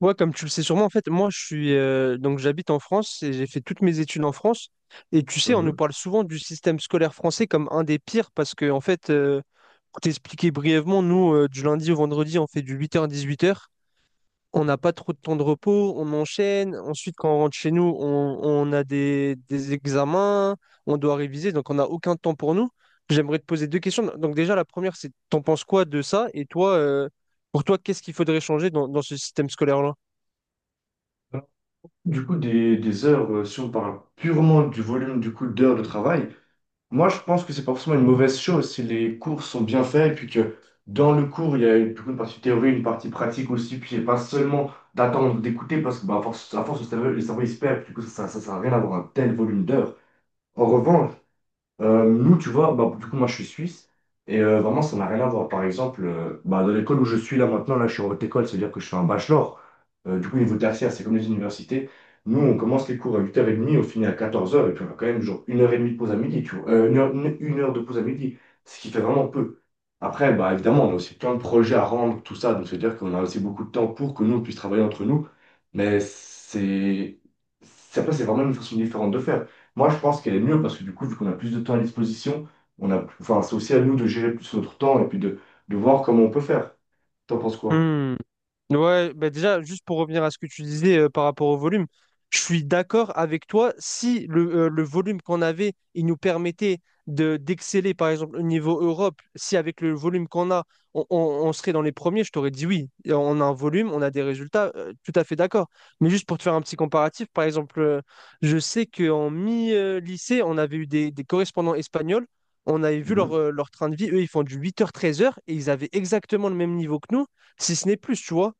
Ouais, comme tu le sais sûrement, en fait, moi, je suis donc j'habite en France et j'ai fait toutes mes études en France. Et tu sais, on nous Mhm. parle souvent du système scolaire français comme un des pires parce que, en fait, pour t'expliquer brièvement, nous, du lundi au vendredi, on fait du 8h-18h. On n'a pas trop de temps de repos, on enchaîne. Ensuite, quand on rentre chez nous, on a des examens, on doit réviser, donc on n'a aucun temps pour nous. J'aimerais te poser deux questions. Donc déjà, la première, c'est t'en penses quoi de ça? Et toi, pour toi, qu'est-ce qu'il faudrait changer dans ce système scolaire-là? Du coup, des heures, si on parle purement du volume du coup d'heures de travail, moi je pense que c'est pas forcément une mauvaise chose si les cours sont bien faits et puis que dans le cours, il y a une, du coup, une partie théorie, une partie pratique aussi, puis et pas seulement d'attendre, d'écouter, parce que bah, à force, le cerveau, il se perd, du coup ça sert à rien d'avoir un tel volume d'heures. En revanche, nous, tu vois, bah, du coup, moi, je suis suisse. Et vraiment, ça n'a rien à voir. Par exemple, bah, dans l'école où je suis là maintenant, là, je suis en haute école, c'est-à-dire que je suis un bachelor. Du coup, niveau tertiaire, c'est comme les universités. Nous, on commence les cours à 8h30, on finit à 14 heures et puis on a quand même genre une heure et demie de pause à midi, tu vois. Une heure de pause à midi, ce qui fait vraiment peu. Après, bah, évidemment, on a aussi plein de projets à rendre, tout ça, donc c'est-à-dire qu'on a aussi beaucoup de temps pour que nous, on puisse travailler entre nous. Mais c'est... Après, c'est vraiment une façon différente de faire. Moi, je pense qu'elle est mieux parce que du coup, vu qu'on a plus de temps à disposition, enfin, c'est aussi à nous de gérer plus notre temps et puis de voir comment on peut faire. T'en penses quoi? Hmm. Ouais, bah déjà, juste pour revenir à ce que tu disais par rapport au volume, je suis d'accord avec toi. Si le, le volume qu'on avait, il nous permettait de d'exceller, par exemple, au niveau Europe, si avec le volume qu'on a, on, on- on serait dans les premiers, je t'aurais dit oui. Et on a un volume, on a des résultats, tout à fait d'accord. Mais juste pour te faire un petit comparatif, par exemple, je sais qu'en mi-lycée, on avait eu des correspondants espagnols, on avait vu leur, Mhm. Leur train de vie, eux, ils font du 8h-13h et ils avaient exactement le même niveau que nous, si ce n'est plus, tu vois.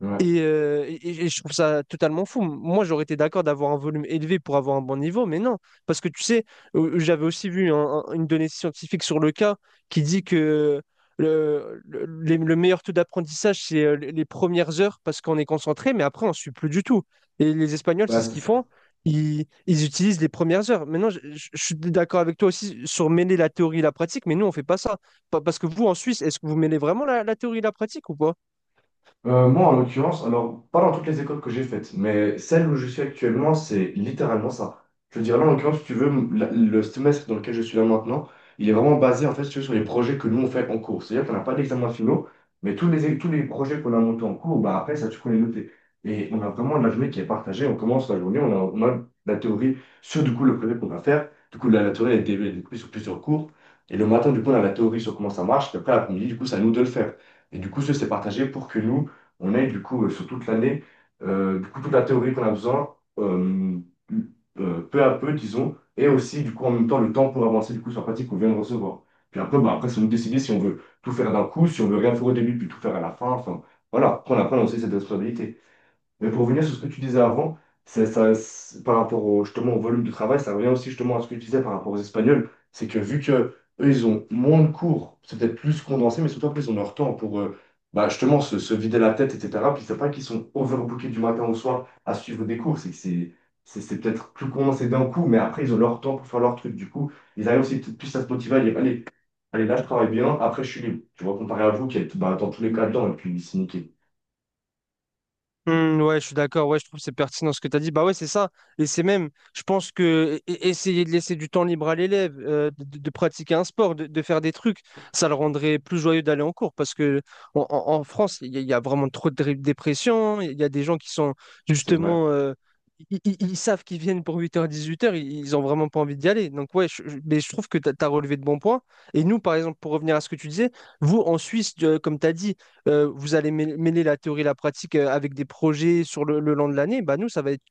Ouais. Et et- je trouve ça totalement fou. Moi, j'aurais été d'accord d'avoir un volume élevé pour avoir un bon niveau, mais non. Parce que tu sais, j'avais aussi vu une donnée scientifique sur le cas qui dit que le meilleur taux d'apprentissage, c'est les premières heures parce qu'on est concentré, mais après, on ne suit plus du tout. Et les Espagnols, c'est Bah, ce c'est qu'ils font. ça. Ils utilisent les premières heures. Maintenant, je suis d'accord avec toi aussi sur mêler la théorie et la pratique, mais nous, on fait pas ça. Parce que vous, en Suisse, est-ce que vous mêlez vraiment la théorie et la pratique ou pas? Moi, en l'occurrence, alors, pas dans toutes les écoles que j'ai faites, mais celle où je suis actuellement, c'est littéralement ça. Je veux dire, là, en l'occurrence, si tu veux, le semestre dans lequel je suis là maintenant, il est vraiment basé, en fait, si tu veux, sur les projets que nous, on fait en cours. C'est-à-dire qu'on n'a pas d'examen finaux, mais tous les projets qu'on a montés en cours, bah, après, ça, tu peux les noter. Et on a vraiment la journée qui est partagée. On commence la journée, on a la théorie sur, du coup, le projet qu'on va faire. Du coup, la théorie, elle est découpée sur plusieurs cours. Et le matin, du coup, on a la théorie sur comment ça marche. Et après, l'après-midi, du coup, c'est à nous de le faire. Et du coup, c'est partagé pour que nous, on ait du coup sur toute l'année, du coup toute la théorie qu'on a besoin, peu à peu, disons, et aussi du coup en même temps le temps pour avancer du coup sur la pratique qu'on vient de recevoir. Puis après, bah, après, c'est nous décider si on veut tout faire d'un coup, si on veut rien faire au début, puis tout faire à la fin. Enfin, voilà, après, on apprend aussi cette responsabilité. Mais pour revenir sur ce que tu disais avant, c'est ça, par rapport justement au volume de travail, ça revient aussi justement à ce que tu disais par rapport aux Espagnols. C'est que vu que eux, ils ont moins de cours, c'est peut-être plus condensé, mais surtout après, ils ont leur temps pour bah, justement se vider la tête, etc. Puis c'est pas qu'ils sont overbookés du matin au soir à suivre des cours, c'est que c'est peut-être plus condensé d'un coup, mais après, ils ont leur temps pour faire leur truc. Du coup, ils arrivent aussi peut-être plus à se motiver à dire, allez, allez, là, je travaille bien, après, je suis libre. Tu vois, comparé à vous qui êtes bah, dans tous les cas dedans, et puis c'est niqué. Hmm, ouais, je suis d'accord. Ouais, je trouve que c'est pertinent ce que tu as dit. Bah ouais, c'est ça. Et c'est même, je pense que essayer de laisser du temps libre à l'élève, pratiquer un sport, de faire des trucs, ça le rendrait plus joyeux d'aller en cours. Parce que en France, il y a vraiment trop de dépression. Il y a des gens qui sont C'est vrai. justement, ils savent qu'ils viennent pour 8h-18h. Ils ont vraiment pas envie d'y aller. Donc ouais, mais je trouve que tu as relevé de bons points. Et nous, par exemple, pour revenir à ce que tu disais, vous en Suisse, comme tu as dit, vous allez mêler la théorie et la pratique avec des projets sur le long de l'année, bah nous, ça va être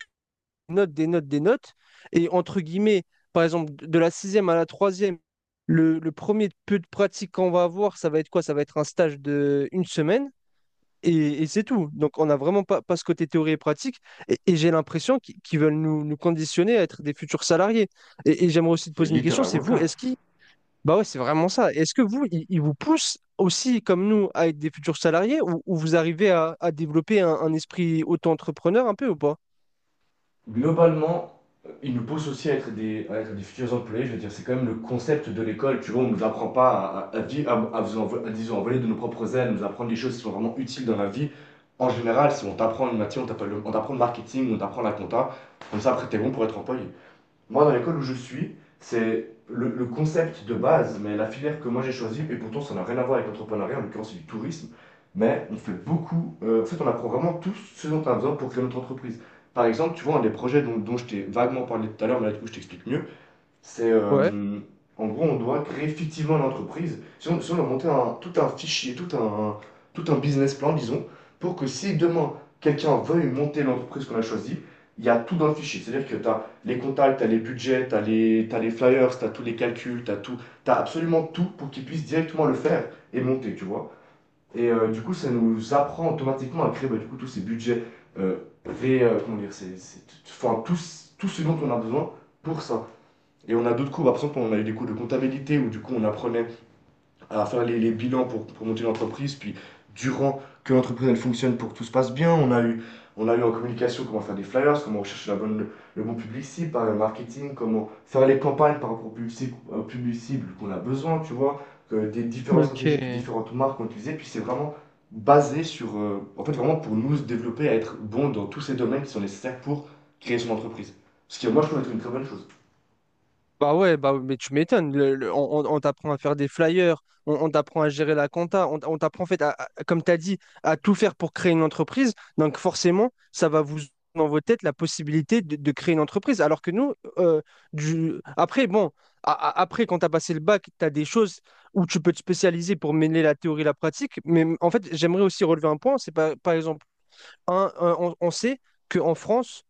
notes, des notes, des notes. Et entre guillemets, par exemple, de la sixième à la troisième, le premier peu de pratique qu'on va avoir, ça va être quoi? Ça va être un stage de une semaine et c'est tout. Donc, on n'a vraiment pas ce côté théorie et pratique. Et j'ai l'impression qu'ils veulent nous conditionner à être des futurs salariés. Et j'aimerais aussi te C'est poser une question, littéralement c'est le vous, cas. est-ce que. Bah ouais, c'est vraiment ça. Est-ce que vous, ils vous poussent aussi, comme nous, à être des futurs salariés ou vous arrivez à développer un esprit auto-entrepreneur un peu ou pas? Globalement, ils nous poussent aussi à être des, futurs employés. Je veux dire, c'est quand même le concept de l'école. Tu vois, on ne nous apprend pas à, à, vi- à vous envo- à, disons, à voler de nos propres ailes, nous apprendre des choses qui sont vraiment utiles dans la vie. En général, si on t'apprend une matière, on t'apprend le marketing, on t'apprend la compta, comme ça, après, t'es bon pour être employé. Moi, dans l'école où je suis, c'est le concept de base, mais la filière que moi j'ai choisie, et pourtant ça n'a rien à voir avec l'entrepreneuriat, en l'occurrence c'est du tourisme, mais on fait beaucoup, en fait on apprend vraiment tout ce dont on a besoin pour créer notre entreprise. Par exemple, tu vois, un des projets dont je t'ai vaguement parlé tout à l'heure, mais là du coup je t'explique mieux, c'est Ouais. en gros, on doit créer fictivement l'entreprise. Si on doit monter tout un fichier, tout un, business plan, disons, pour que si demain quelqu'un veuille monter l'entreprise qu'on a choisie, il y a tout dans le fichier. C'est-à-dire que tu as les contacts, tu as les budgets, t'as les flyers, tu as tous les calculs, tu as tout, tu absolument tout pour qu'il puisse directement le faire et monter, tu vois. Et du coup, ça nous apprend automatiquement à créer bah, du coup, tous ces budgets, euh, comment dire, enfin, tout, ce dont on a besoin pour ça. Et on a d'autres cours, bah, par exemple, on a eu des cours de comptabilité où du coup on apprenait à faire les, bilans pour monter l'entreprise, puis durant que l'entreprise elle fonctionne pour que tout se passe bien, on a eu en communication comment faire des flyers, comment rechercher la bonne, le, bon public cible, par le marketing, comment faire les campagnes par rapport au public cible qu'on a besoin, tu vois, que des différentes stratégies que Ok. différentes marques ont utilisées, puis c'est vraiment basé sur, en fait vraiment pour nous se développer, à être bon dans tous ces domaines qui sont nécessaires pour créer son entreprise. Ce qui moi je trouve être une très bonne chose. Bah ouais, bah, mais tu m'étonnes. On t'apprend à faire des flyers, on t'apprend à gérer la compta, on t'apprend en fait, comme tu as dit, à tout faire pour créer une entreprise. Donc forcément, ça va vous dans vos têtes la possibilité de créer une entreprise. Alors que nous, du, après, bon, après, quand tu as passé le bac, tu as des choses où tu peux te spécialiser pour mêler la théorie et la pratique. Mais en fait, j'aimerais aussi relever un point, c'est par exemple, on sait qu'en France,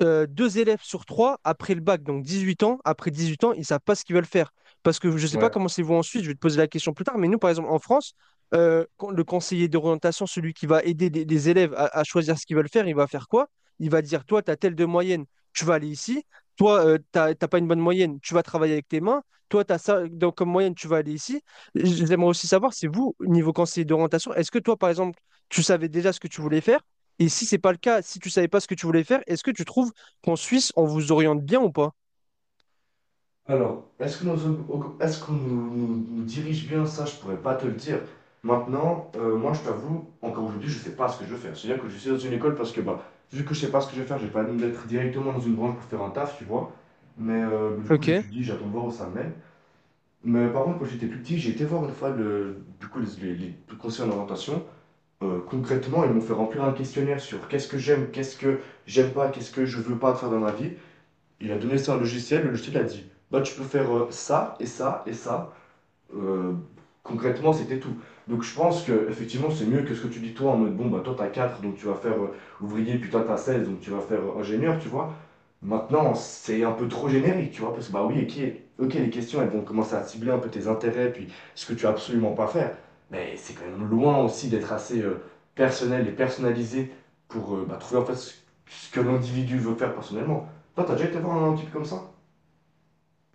deux élèves sur trois après le bac, donc 18 ans, après 18 ans, ils ne savent pas ce qu'ils veulent faire. Parce que je ne sais pas comment c'est vous ensuite, je vais te poser la question plus tard, mais nous, par exemple, en France, quand le conseiller d'orientation, celui qui va aider les élèves à choisir ce qu'ils veulent faire, il va faire quoi? Il va dire, toi, tu as telle de moyenne, tu vas aller ici. Toi, t'as pas une bonne moyenne, tu vas travailler avec tes mains. Toi, tu as ça donc, comme moyenne, tu vas aller ici. J'aimerais aussi savoir, c'est vous, niveau conseiller d'orientation, est-ce que toi, par exemple, tu savais déjà ce que tu voulais faire? Et si c'est pas le cas, si tu savais pas ce que tu voulais faire, est-ce que tu trouves qu'en Suisse, on vous oriente bien ou pas? Est-ce qu'on nous, nous dirige bien ça, je pourrais pas te le dire. Maintenant, moi je t'avoue, encore aujourd'hui, je sais pas ce que je veux faire. C'est-à-dire que je suis dans une école parce que, bah, vu que je sais pas ce que je veux faire, j'ai pas envie d'être directement dans une branche pour faire un taf, tu vois. Mais du coup, Ok. j'étudie, j'attends de voir où ça mène. Mais par contre, quand j'étais plus petit, j'ai été voir une fois du coup, les conseils en orientation. Concrètement, ils m'ont fait remplir un questionnaire sur qu'est-ce que j'aime pas, qu'est-ce que je veux pas faire dans ma vie. Il a donné ça à un logiciel, le logiciel a dit bah tu peux faire ça et ça et ça. Euh, Concrètement, c'était tout. Donc je pense que effectivement c'est mieux que ce que tu dis toi en mode bon bah toi t'as 4 donc tu vas faire ouvrier, puis toi t'as 16 donc tu vas faire ingénieur, tu vois. Maintenant, c'est un peu trop générique, tu vois, parce que bah oui, ok, ok, les questions, elles vont commencer à cibler un peu tes intérêts, puis ce que tu as absolument pas à faire. Mais c'est quand même loin aussi d'être assez personnel et personnalisé pour bah, trouver en fait ce que l'individu veut faire personnellement. Toi, t'as déjà été voir un type comme ça?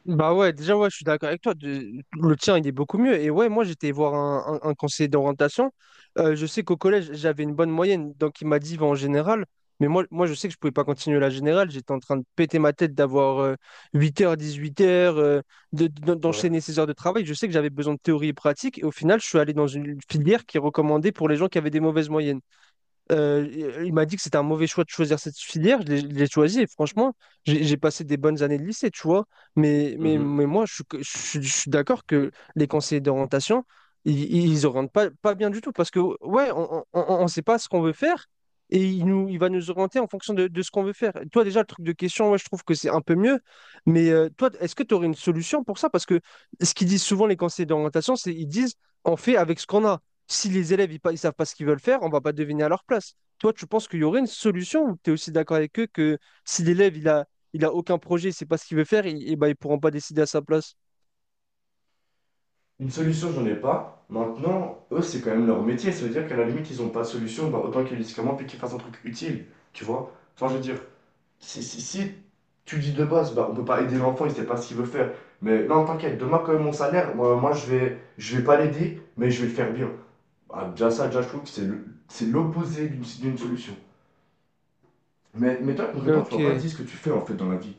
Bah ouais, déjà, ouais, je suis d'accord avec toi. Le tien, il est beaucoup mieux. Et ouais, moi, j'étais voir un conseiller d'orientation. Je sais qu'au collège, j'avais une bonne moyenne. Donc, il m'a dit, va en général. Mais moi, moi, je sais que je pouvais pas continuer la générale. J'étais en train de péter ma tête d'avoir 8 heures, 18 heures, Ouais. d'enchaîner ces heures de travail. Je sais que j'avais besoin de théorie et pratique. Et au final, je suis allé dans une filière qui est recommandée pour les gens qui avaient des mauvaises moyennes. Euh, il m'a dit que c'était un mauvais choix de choisir cette filière. Je l'ai choisi et franchement, j'ai passé des bonnes années de lycée, tu vois. Mais, mais, Mhm. mais moi, je suis d'accord que les conseillers d'orientation, ils, ils orientent pas bien du tout parce que, ouais, on ne sait pas ce qu'on veut faire et il, nous, il va nous orienter en fonction de ce qu'on veut faire. Toi, déjà, le truc de question, ouais, je trouve que c'est un peu mieux. Mais toi, est-ce que tu aurais une solution pour ça? Parce que ce qu'ils disent souvent, les conseillers d'orientation, c'est ils disent on fait avec ce qu'on a. Si les élèves ils, ils savent pas ce qu'ils veulent faire, on va pas deviner à leur place. Toi, tu penses qu'il y aurait une solution ou tu es aussi d'accord avec eux que si l'élève il a aucun projet, c'est pas ce qu'il veut faire, ils ne ben, ils pourront pas décider à sa place. Une solution, j'en ai pas. Maintenant, eux, c'est quand même leur métier. Ça veut dire qu'à la limite, ils ont pas de solution, bah, autant qu'ils le disent comment, puis qu'ils fassent un truc utile, tu vois. Enfin, je veux dire, si tu dis de base, bah, on peut pas aider l'enfant, il sait pas ce qu'il veut faire. Mais non, t'inquiète, demain, quand même, mon salaire, moi, je vais pas l'aider, mais je vais le faire bien. Ah, déjà, ça, déjà, je trouve que c'est l'opposé d'une solution. Mais toi, concrètement, tu m'as pas Ok. dit ce que tu fais en fait dans la vie.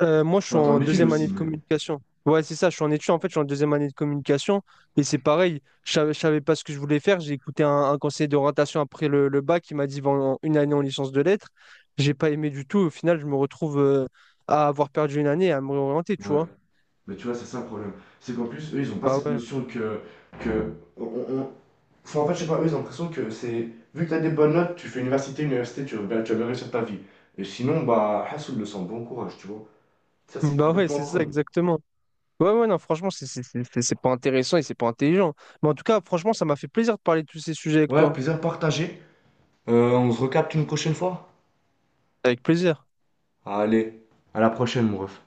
Moi, je suis Enfin, t'en en es une deuxième aussi, année de mais. communication. Ouais, c'est ça, je suis en études, en fait, je suis en deuxième année de communication. Et c'est pareil, je savais pas ce que je voulais faire. J'ai écouté un conseiller d'orientation après le bac qui m'a dit va une année en licence de lettres. J'ai pas aimé du tout. Au final, je me retrouve à avoir perdu une année et à me réorienter, tu Ouais. vois. Mais tu vois, c'est ça le problème. C'est qu'en plus, eux, ils ont pas Bah cette ouais. notion que. que on, on- Enfin, en fait, je sais pas, eux, ils ont l'impression que c'est. Vu que t'as des bonnes notes, tu fais université, université, tu vas bien réussir ta vie. Et sinon, bah, Hassoul le sent, bon courage, tu vois. Ça, c'est Bah ouais, complètement c'est ça, con. exactement. Ouais, ouais, non, franchement, c'est pas intéressant et c'est pas intelligent. Mais en tout cas, franchement, ça m'a fait plaisir de parler de tous ces sujets avec Ouais, toi. plaisir partagé. On se recapte une prochaine fois. Avec plaisir. Allez, à la prochaine, mon ref.